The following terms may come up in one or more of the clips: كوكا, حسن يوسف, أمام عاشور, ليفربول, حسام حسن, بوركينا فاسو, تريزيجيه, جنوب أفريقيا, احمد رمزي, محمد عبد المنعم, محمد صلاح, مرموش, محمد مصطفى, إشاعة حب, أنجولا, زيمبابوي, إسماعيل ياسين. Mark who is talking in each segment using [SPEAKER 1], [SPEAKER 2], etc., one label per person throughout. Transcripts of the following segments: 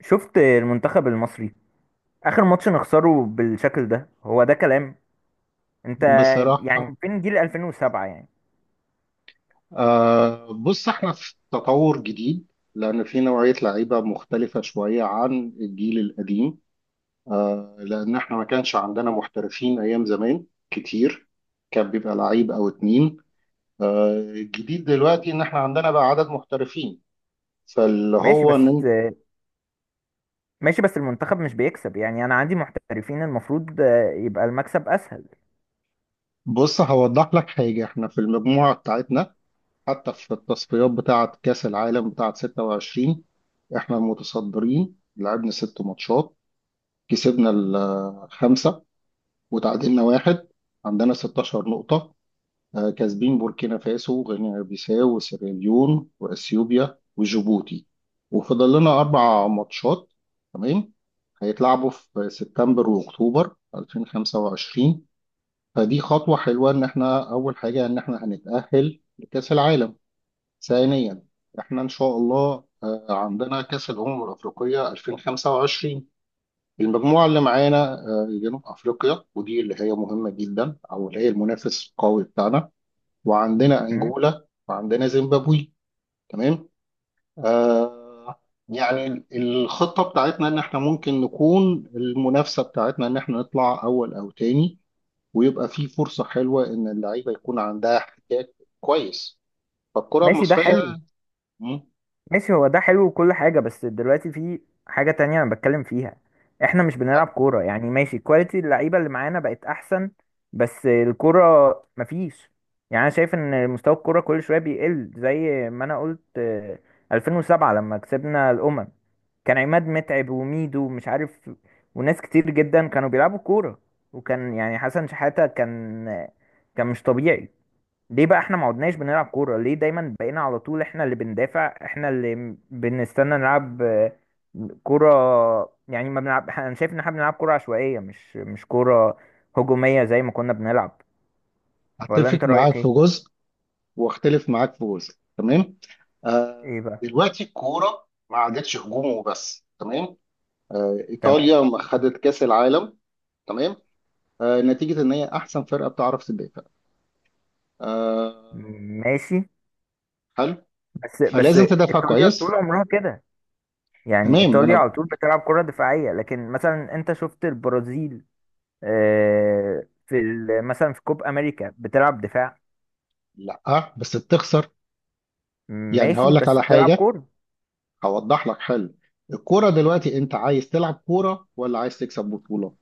[SPEAKER 1] شفت المنتخب المصري؟ اخر ماتش نخسره بالشكل ده، هو ده كلام؟ انت يعني
[SPEAKER 2] بصراحة،
[SPEAKER 1] فين جيل 2007 يعني؟
[SPEAKER 2] بص احنا في تطور جديد، لأن في نوعية لعيبة مختلفة شوية عن الجيل القديم. لأن احنا ما كانش عندنا محترفين أيام زمان كتير، كان بيبقى لعيب أو اتنين. الجديد دلوقتي إن احنا عندنا بقى عدد محترفين، فاللي
[SPEAKER 1] ماشي
[SPEAKER 2] هو إن
[SPEAKER 1] بس ماشي بس المنتخب مش بيكسب، يعني انا عندي محترفين، المفروض يبقى المكسب اسهل.
[SPEAKER 2] بص هوضح لك حاجة. احنا في المجموعة بتاعتنا، حتى في التصفيات بتاعة كأس العالم بتاعة 26، احنا المتصدرين لعبنا ست ماتشات، كسبنا الخمسة وتعادلنا واحد، عندنا 16 نقطة. كاسبين بوركينا فاسو وغينيا بيساو وسيراليون وأثيوبيا وجيبوتي، وفضل لنا أربع ماتشات، تمام. هيتلعبوا في سبتمبر وأكتوبر 2025. فدي خطوة حلوة، إن إحنا أول حاجة إن إحنا هنتأهل لكأس العالم. ثانيا، إحنا إن شاء الله عندنا كأس الأمم الأفريقية 2025. المجموعة اللي معانا جنوب أفريقيا، ودي اللي هي مهمة جدا، أو اللي هي المنافس القوي بتاعنا. وعندنا
[SPEAKER 1] أمم.
[SPEAKER 2] أنجولا وعندنا زيمبابوي، تمام. آه يعني الخطة بتاعتنا إن إحنا ممكن نكون، المنافسة بتاعتنا إن إحنا نطلع أول أو تاني، ويبقى في فرصة حلوة إن اللعيبة يكون عندها احتكاك كويس، فالكرة
[SPEAKER 1] ماشي ده
[SPEAKER 2] المصرية.
[SPEAKER 1] حلو.
[SPEAKER 2] مم،
[SPEAKER 1] ماشي هو ده حلو وكل حاجة، بس دلوقتي في حاجة تانية أنا بتكلم فيها. إحنا مش بنلعب كورة، يعني ماشي كواليتي اللعيبة اللي معانا بقت أحسن، بس الكورة مفيش. يعني أنا شايف إن مستوى الكورة كل شوية بيقل، زي ما أنا قلت، 2007 لما كسبنا الأمم كان عماد متعب وميدو ومش عارف، وناس كتير جدا كانوا بيلعبوا كورة. وكان يعني حسن شحاتة كان كان مش طبيعي. ليه بقى احنا ما عدناش بنلعب كورة؟ ليه دايما بقينا على طول احنا اللي بندافع، احنا اللي بنستنى نلعب كورة؟ يعني ما بنلعب، انا شايف ان احنا بنلعب كورة عشوائية، مش كورة هجومية زي ما كنا بنلعب. ولا انت
[SPEAKER 2] أتفق معاك
[SPEAKER 1] رأيك
[SPEAKER 2] في
[SPEAKER 1] ايه؟
[SPEAKER 2] جزء واختلف معاك في جزء، تمام.
[SPEAKER 1] ايه بقى؟
[SPEAKER 2] دلوقتي الكوره ما عادتش هجوم وبس، تمام.
[SPEAKER 1] تمام.
[SPEAKER 2] ايطاليا ما خدت كاس العالم، تمام، نتيجه ان هي احسن فرقه بتعرف تدافع. آه
[SPEAKER 1] ماشي
[SPEAKER 2] حلو،
[SPEAKER 1] بس
[SPEAKER 2] فلازم تدافع
[SPEAKER 1] ايطاليا طول
[SPEAKER 2] كويس.
[SPEAKER 1] عمرها كده. يعني
[SPEAKER 2] تمام، ما
[SPEAKER 1] ايطاليا
[SPEAKER 2] انا،
[SPEAKER 1] على طول بتلعب كرة دفاعية، لكن مثلا انت شفت البرازيل؟ مثلا في كوب امريكا بتلعب دفاع.
[SPEAKER 2] لا بس بتخسر، يعني
[SPEAKER 1] ماشي
[SPEAKER 2] هقول لك
[SPEAKER 1] بس
[SPEAKER 2] على
[SPEAKER 1] بتلعب
[SPEAKER 2] حاجه،
[SPEAKER 1] كورة.
[SPEAKER 2] هوضح لك حل. الكوره دلوقتي، انت عايز تلعب كوره ولا عايز تكسب بطوله؟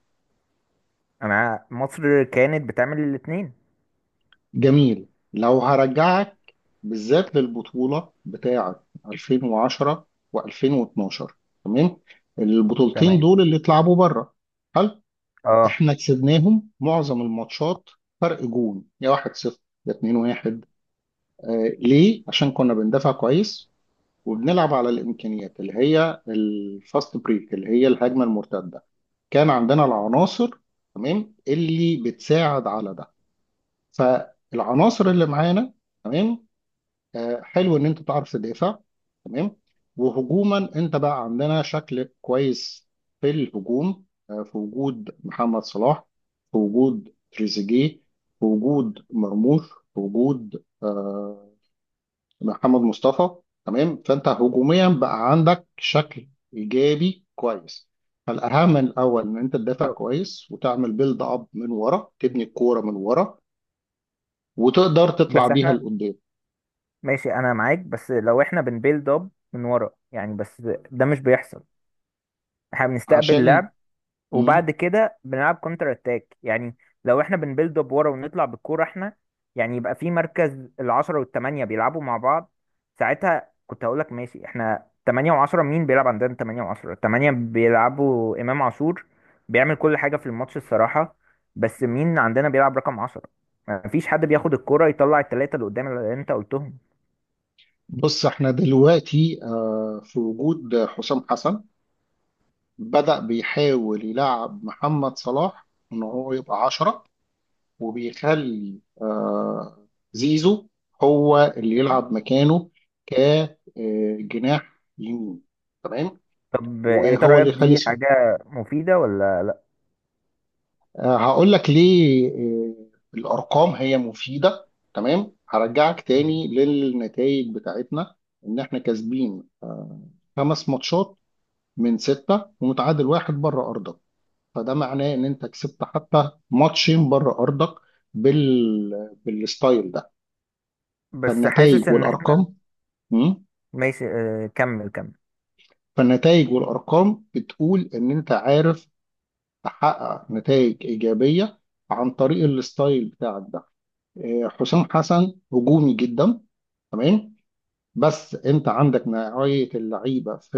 [SPEAKER 1] مصر كانت بتعمل الاتنين.
[SPEAKER 2] جميل. لو هرجعك بالذات للبطولة بتاعة 2010 و2012، تمام، البطولتين
[SPEAKER 1] تمام.
[SPEAKER 2] دول اللي اتلعبوا بره، هل
[SPEAKER 1] اه.
[SPEAKER 2] احنا كسبناهم؟ معظم الماتشات فرق جون، يا 1-0 يا 2-1. ليه؟ عشان كنا بندافع كويس، وبنلعب على الامكانيات اللي هي الفاست بريك اللي هي الهجمة المرتدة. كان عندنا العناصر، تمام، اللي بتساعد على ده. فالعناصر اللي معانا، تمام، حلو ان انت تعرف تدافع، تمام. وهجوما، انت بقى عندنا شكل كويس في الهجوم، في وجود محمد صلاح، في وجود تريزيجيه، في وجود مرموش، في وجود محمد مصطفى. تمام، فانت هجوميا بقى عندك شكل ايجابي كويس. فالاهم الاول ان انت تدافع
[SPEAKER 1] طب،
[SPEAKER 2] كويس، وتعمل بيلد اب من ورا، تبني الكوره من ورا وتقدر تطلع
[SPEAKER 1] بس
[SPEAKER 2] بيها
[SPEAKER 1] احنا.
[SPEAKER 2] لقدام.
[SPEAKER 1] ماشي انا معاك، بس لو احنا بنبيلد اب من ورا يعني، بس ده مش بيحصل. احنا بنستقبل
[SPEAKER 2] عشان
[SPEAKER 1] لعب وبعد
[SPEAKER 2] مم.
[SPEAKER 1] كده بنلعب كونتر اتاك يعني. لو احنا بنبيلد اب ورا ونطلع بالكوره احنا، يعني يبقى في مركز العشرة والتمانية بيلعبوا مع بعض. ساعتها كنت هقول لك ماشي، احنا تمانية وعشرة مين بيلعب؟ عندنا تمانية وعشرة؟ تمانية بيلعبوا إمام عاشور، بيعمل كل حاجة في الماتش الصراحة. بس مين عندنا بيلعب رقم عشرة؟ مفيش حد بياخد الكوره يطلع التلاتة اللي قدام اللي انت قلتهم.
[SPEAKER 2] بص احنا دلوقتي في وجود حسام حسن، بدأ بيحاول يلعب محمد صلاح ان هو يبقى عشرة، وبيخلي زيزو هو اللي
[SPEAKER 1] مم.
[SPEAKER 2] يلعب مكانه كجناح يمين، تمام.
[SPEAKER 1] طب انت
[SPEAKER 2] وهو
[SPEAKER 1] رأيك
[SPEAKER 2] اللي يخلي
[SPEAKER 1] دي حاجة مفيدة ولا لا؟
[SPEAKER 2] هقول لك ليه. الارقام هي مفيده، تمام. هرجعك
[SPEAKER 1] مم.
[SPEAKER 2] تاني للنتائج بتاعتنا، ان احنا كاسبين خمس ماتشات من سته ومتعادل واحد بره ارضك، فده معناه ان انت كسبت حتى ماتشين بره ارضك بال... بالستايل ده.
[SPEAKER 1] بس حاسس
[SPEAKER 2] فالنتائج
[SPEAKER 1] ان احنا.
[SPEAKER 2] والارقام، مم،
[SPEAKER 1] ماشي اه، كمل كمل.
[SPEAKER 2] فالنتائج والارقام بتقول ان انت عارف تحقق نتائج ايجابيه عن طريق الستايل بتاعك ده. حسام حسن هجومي جدا، تمام. بس انت عندك نوعية اللعيبة في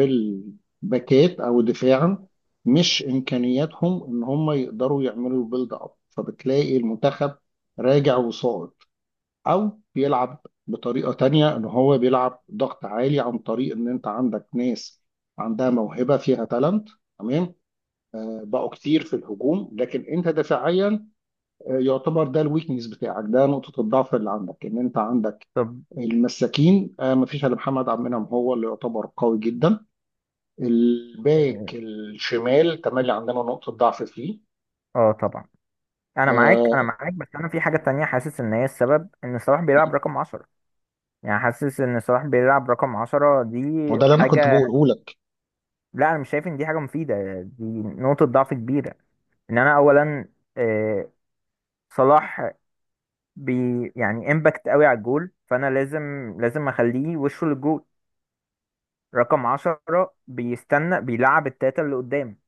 [SPEAKER 2] الباكات او دفاع، مش امكانياتهم ان هم يقدروا يعملوا بيلد اب، فبتلاقي المنتخب راجع وصاعد، او بيلعب بطريقة تانية ان هو بيلعب ضغط عالي عن طريق ان انت عندك ناس عندها موهبة فيها تالنت، تمام. بقوا كتير في الهجوم، لكن انت دفاعيا يعتبر ده الويكنس بتاعك، ده نقطة الضعف اللي عندك، ان انت عندك
[SPEAKER 1] طب.
[SPEAKER 2] المساكين. مفيش الا محمد عبد المنعم هو اللي يعتبر قوي جدا. الباك الشمال تملي عندنا نقطة ضعف فيه.
[SPEAKER 1] اه طبعا. انا معاك
[SPEAKER 2] آه،
[SPEAKER 1] انا معاك، بس انا في حاجة تانية حاسس ان هي السبب ان صلاح بيلعب رقم عشرة. يعني حاسس ان صلاح بيلعب رقم عشرة دي
[SPEAKER 2] وده اللي انا كنت
[SPEAKER 1] حاجة.
[SPEAKER 2] بقوله لك.
[SPEAKER 1] لا انا مش شايف ان دي حاجة مفيدة، دي نقطة ضعف كبيرة. ان انا اولا آه، صلاح بي يعني امباكت قوي على الجول، فانا لازم لازم اخليه وشه للجول. رقم عشرة بيستنى بيلعب التلاتة اللي قدام،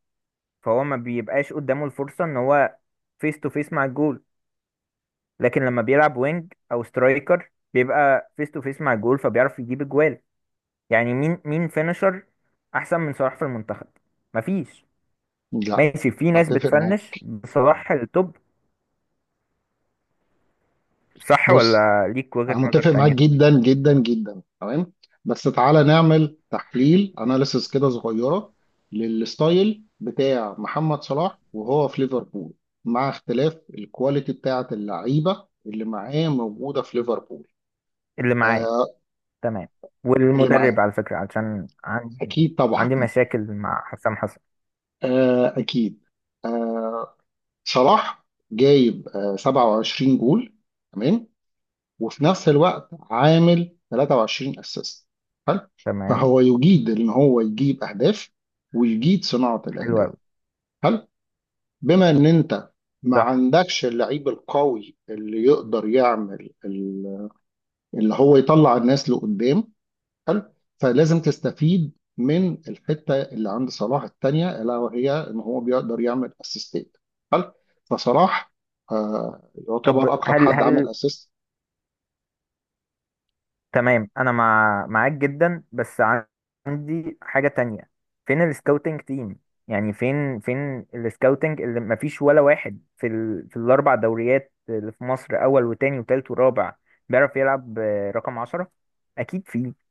[SPEAKER 1] فهو ما بيبقاش قدامه الفرصة ان هو فيس تو فيس مع الجول. لكن لما بيلعب وينج او سترايكر بيبقى فيس تو فيس مع الجول، فبيعرف يجيب اجوال. يعني مين فينشر احسن من صلاح في المنتخب؟ مفيش.
[SPEAKER 2] لا،
[SPEAKER 1] ماشي في ناس
[SPEAKER 2] هتفق
[SPEAKER 1] بتفنش
[SPEAKER 2] معاك.
[SPEAKER 1] بصلاح التوب. صح
[SPEAKER 2] بص،
[SPEAKER 1] ولا ليك وجهة
[SPEAKER 2] انا
[SPEAKER 1] نظر
[SPEAKER 2] متفق معاك
[SPEAKER 1] تانية؟
[SPEAKER 2] جدا جدا جدا، تمام. بس تعالى نعمل تحليل، اناليسس كده صغيره، للستايل بتاع محمد صلاح وهو في ليفربول، مع اختلاف الكواليتي بتاعه اللعيبه اللي معاه موجوده في ليفربول.
[SPEAKER 1] اللي معايا.
[SPEAKER 2] آه
[SPEAKER 1] تمام.
[SPEAKER 2] اللي
[SPEAKER 1] والمدرب
[SPEAKER 2] معاه،
[SPEAKER 1] على فكرة، علشان
[SPEAKER 2] اكيد طبعا.
[SPEAKER 1] عندي مشاكل مع حسام حسن.
[SPEAKER 2] آه اكيد آه صلاح جايب 27 جول، تمام، وفي نفس الوقت عامل 23 اسيست، حلو.
[SPEAKER 1] تمام.
[SPEAKER 2] فهو يجيد ان هو يجيب اهداف، ويجيد صناعة
[SPEAKER 1] حلو
[SPEAKER 2] الاهداف،
[SPEAKER 1] قوي.
[SPEAKER 2] حلو. بما ان انت ما
[SPEAKER 1] صح.
[SPEAKER 2] عندكش اللعيب القوي اللي يقدر يعمل اللي هو يطلع الناس لقدام، حلو، فلازم تستفيد من الحتة اللي عند صلاح التانية، الا وهي ان هو بيقدر يعمل اسيستات، حلو. فصلاح
[SPEAKER 1] طب
[SPEAKER 2] يعتبر اكتر
[SPEAKER 1] هل
[SPEAKER 2] حد عمل
[SPEAKER 1] هل
[SPEAKER 2] اسيست.
[SPEAKER 1] تمام، انا معاك جدا، بس عندي حاجة تانية. فين السكاوتنج تيم؟ يعني فين السكاوتنج اللي مفيش ولا واحد في الاربع دوريات اللي في مصر، اول وتاني وتالت ورابع، بيعرف يلعب رقم عشرة؟ اكيد فيه.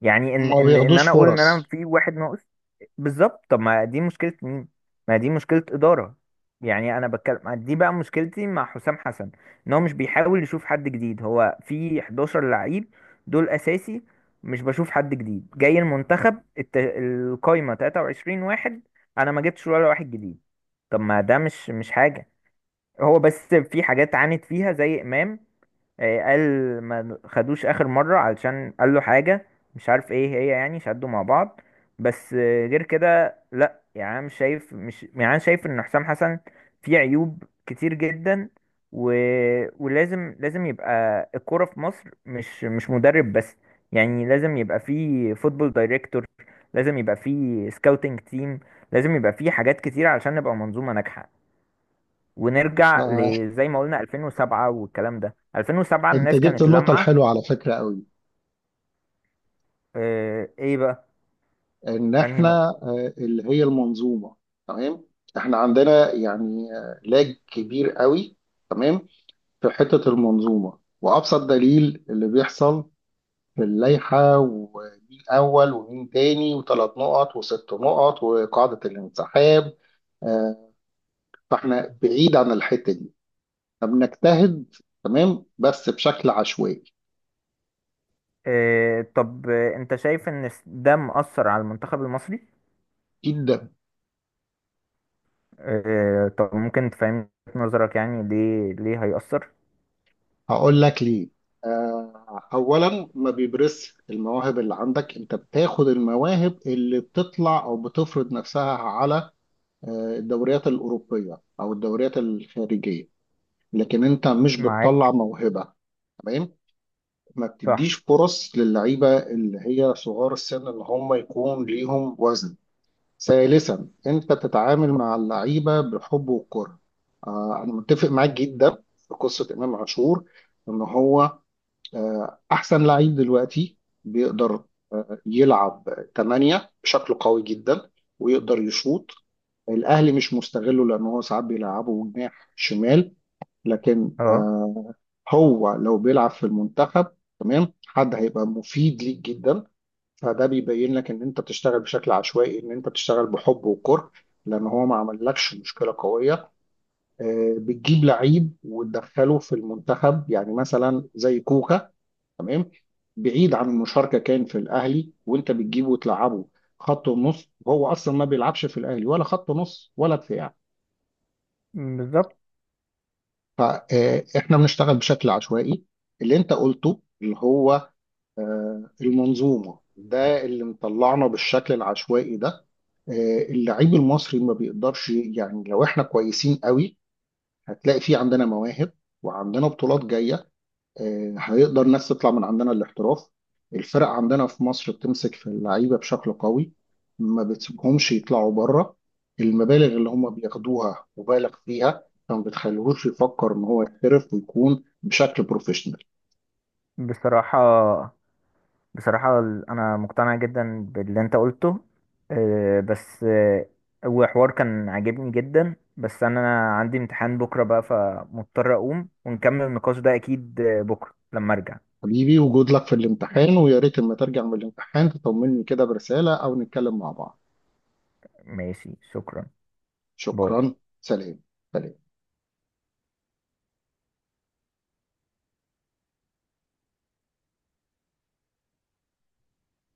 [SPEAKER 1] يعني ان
[SPEAKER 2] ما
[SPEAKER 1] ان ان
[SPEAKER 2] بياخدوش
[SPEAKER 1] انا اقول ان انا
[SPEAKER 2] فرص.
[SPEAKER 1] في واحد ناقص. بالظبط. طب ما دي مشكلة مين؟ ما دي مشكلة إدارة. يعني انا بتكلم، دي بقى مشكلتي مع حسام حسن، ان هو مش بيحاول يشوف حد جديد. هو في 11 لعيب دول اساسي، مش بشوف حد جديد جاي المنتخب. القايمة 23 واحد، انا ما جبتش ولا واحد جديد. طب ما ده مش حاجة. هو بس في حاجات عانت فيها زي إمام، قال ما خدوش اخر مره علشان قال له حاجه مش عارف ايه هي، يعني شدوا مع بعض. بس غير كده لا. يعني أنا مش شايف، مش، يعني أنا شايف ان حسام حسن فيه عيوب كتير جدا. و... ولازم لازم يبقى الكوره في مصر، مش مدرب بس. يعني لازم يبقى فيه فوتبول دايركتور، لازم يبقى فيه سكاوتنج تيم، لازم يبقى فيه حاجات كتير علشان نبقى منظومه ناجحه، ونرجع
[SPEAKER 2] آه،
[SPEAKER 1] لزي ما قلنا. 2007 والكلام ده، 2007
[SPEAKER 2] انت
[SPEAKER 1] الناس
[SPEAKER 2] جبت
[SPEAKER 1] كانت
[SPEAKER 2] النقطة
[SPEAKER 1] لامعة.
[SPEAKER 2] الحلوة على فكرة قوي،
[SPEAKER 1] ايه بقى؟
[SPEAKER 2] ان
[SPEAKER 1] انهي
[SPEAKER 2] احنا
[SPEAKER 1] نقطة؟
[SPEAKER 2] اللي هي المنظومة، تمام. احنا عندنا يعني لاج كبير قوي، تمام، في حتة المنظومة. وابسط دليل اللي بيحصل في اللائحة، ومين اول ومين تاني، وثلاث نقط وست نقط وقاعدة الانسحاب، آه، فاحنا بعيد عن الحتة دي. فبنجتهد، تمام، بس بشكل عشوائي.
[SPEAKER 1] طب انت شايف ان ده مؤثر على المنتخب المصري؟
[SPEAKER 2] جدا.
[SPEAKER 1] طب ممكن تفهم نظرك يعني، ليه هيأثر؟
[SPEAKER 2] هقول لك ليه. اولا ما بيبرزش المواهب اللي عندك، انت بتاخد المواهب اللي بتطلع او بتفرض نفسها على الدوريات الاوروبيه او الدوريات الخارجيه، لكن انت مش بتطلع
[SPEAKER 1] معاك.
[SPEAKER 2] موهبه، تمام. ما
[SPEAKER 1] صح.
[SPEAKER 2] بتديش فرص للعيبه اللي هي صغار السن اللي هم يكون ليهم وزن. ثالثا، انت تتعامل مع اللعيبه بالحب والكره. انا متفق معاك جدا في قصه امام عاشور، ان هو أحسن لعيب دلوقتي، بيقدر يلعب تمانية بشكل قوي جدا، ويقدر يشوط. الأهلي مش مستغله، لأن هو ساعات بيلعبه جناح شمال، لكن
[SPEAKER 1] اه.
[SPEAKER 2] هو لو بيلعب في المنتخب، تمام، حد هيبقى مفيد ليك جدا. فده بيبين لك إن أنت بتشتغل بشكل عشوائي، إن أنت بتشتغل بحب وكره، لأن هو ما عملكش مشكلة قوية. بتجيب لعيب وتدخله في المنتخب، يعني مثلا زي كوكا، تمام، بعيد عن المشاركه، كان في الاهلي وانت بتجيبه وتلعبه خط ونص، وهو اصلا ما بيلعبش في الاهلي ولا خط نص ولا دفاع.
[SPEAKER 1] بالظبط.
[SPEAKER 2] فاحنا بنشتغل بشكل عشوائي. اللي انت قلته اللي هو المنظومه، ده اللي مطلعنا بالشكل العشوائي ده. اللعيب المصري ما بيقدرش، يعني لو احنا كويسين قوي، هتلاقي في عندنا مواهب، وعندنا بطولات جايه، هيقدر الناس تطلع من عندنا، الاحتراف. الفرق عندنا في مصر بتمسك في اللعيبة بشكل قوي، ما بتسيبهمش يطلعوا بره. المبالغ اللي هم بياخدوها مبالغ فيها، فما بتخليهوش يفكر ان هو يحترف ويكون بشكل بروفيشنال.
[SPEAKER 1] بصراحة. بصراحة أنا مقتنع جدا باللي أنت قلته. آه، بس آه، هو حوار كان عاجبني جدا، بس أنا عندي امتحان بكرة بقى، فمضطر أقوم ونكمل النقاش ده أكيد بكرة لما أرجع.
[SPEAKER 2] حبيبي، وجود لك في الامتحان، ويا ريت لما ترجع من الامتحان تطمني كده برسالة او نتكلم مع بعض.
[SPEAKER 1] ماشي شكرا. باي.
[SPEAKER 2] شكرا. سلام. سلام.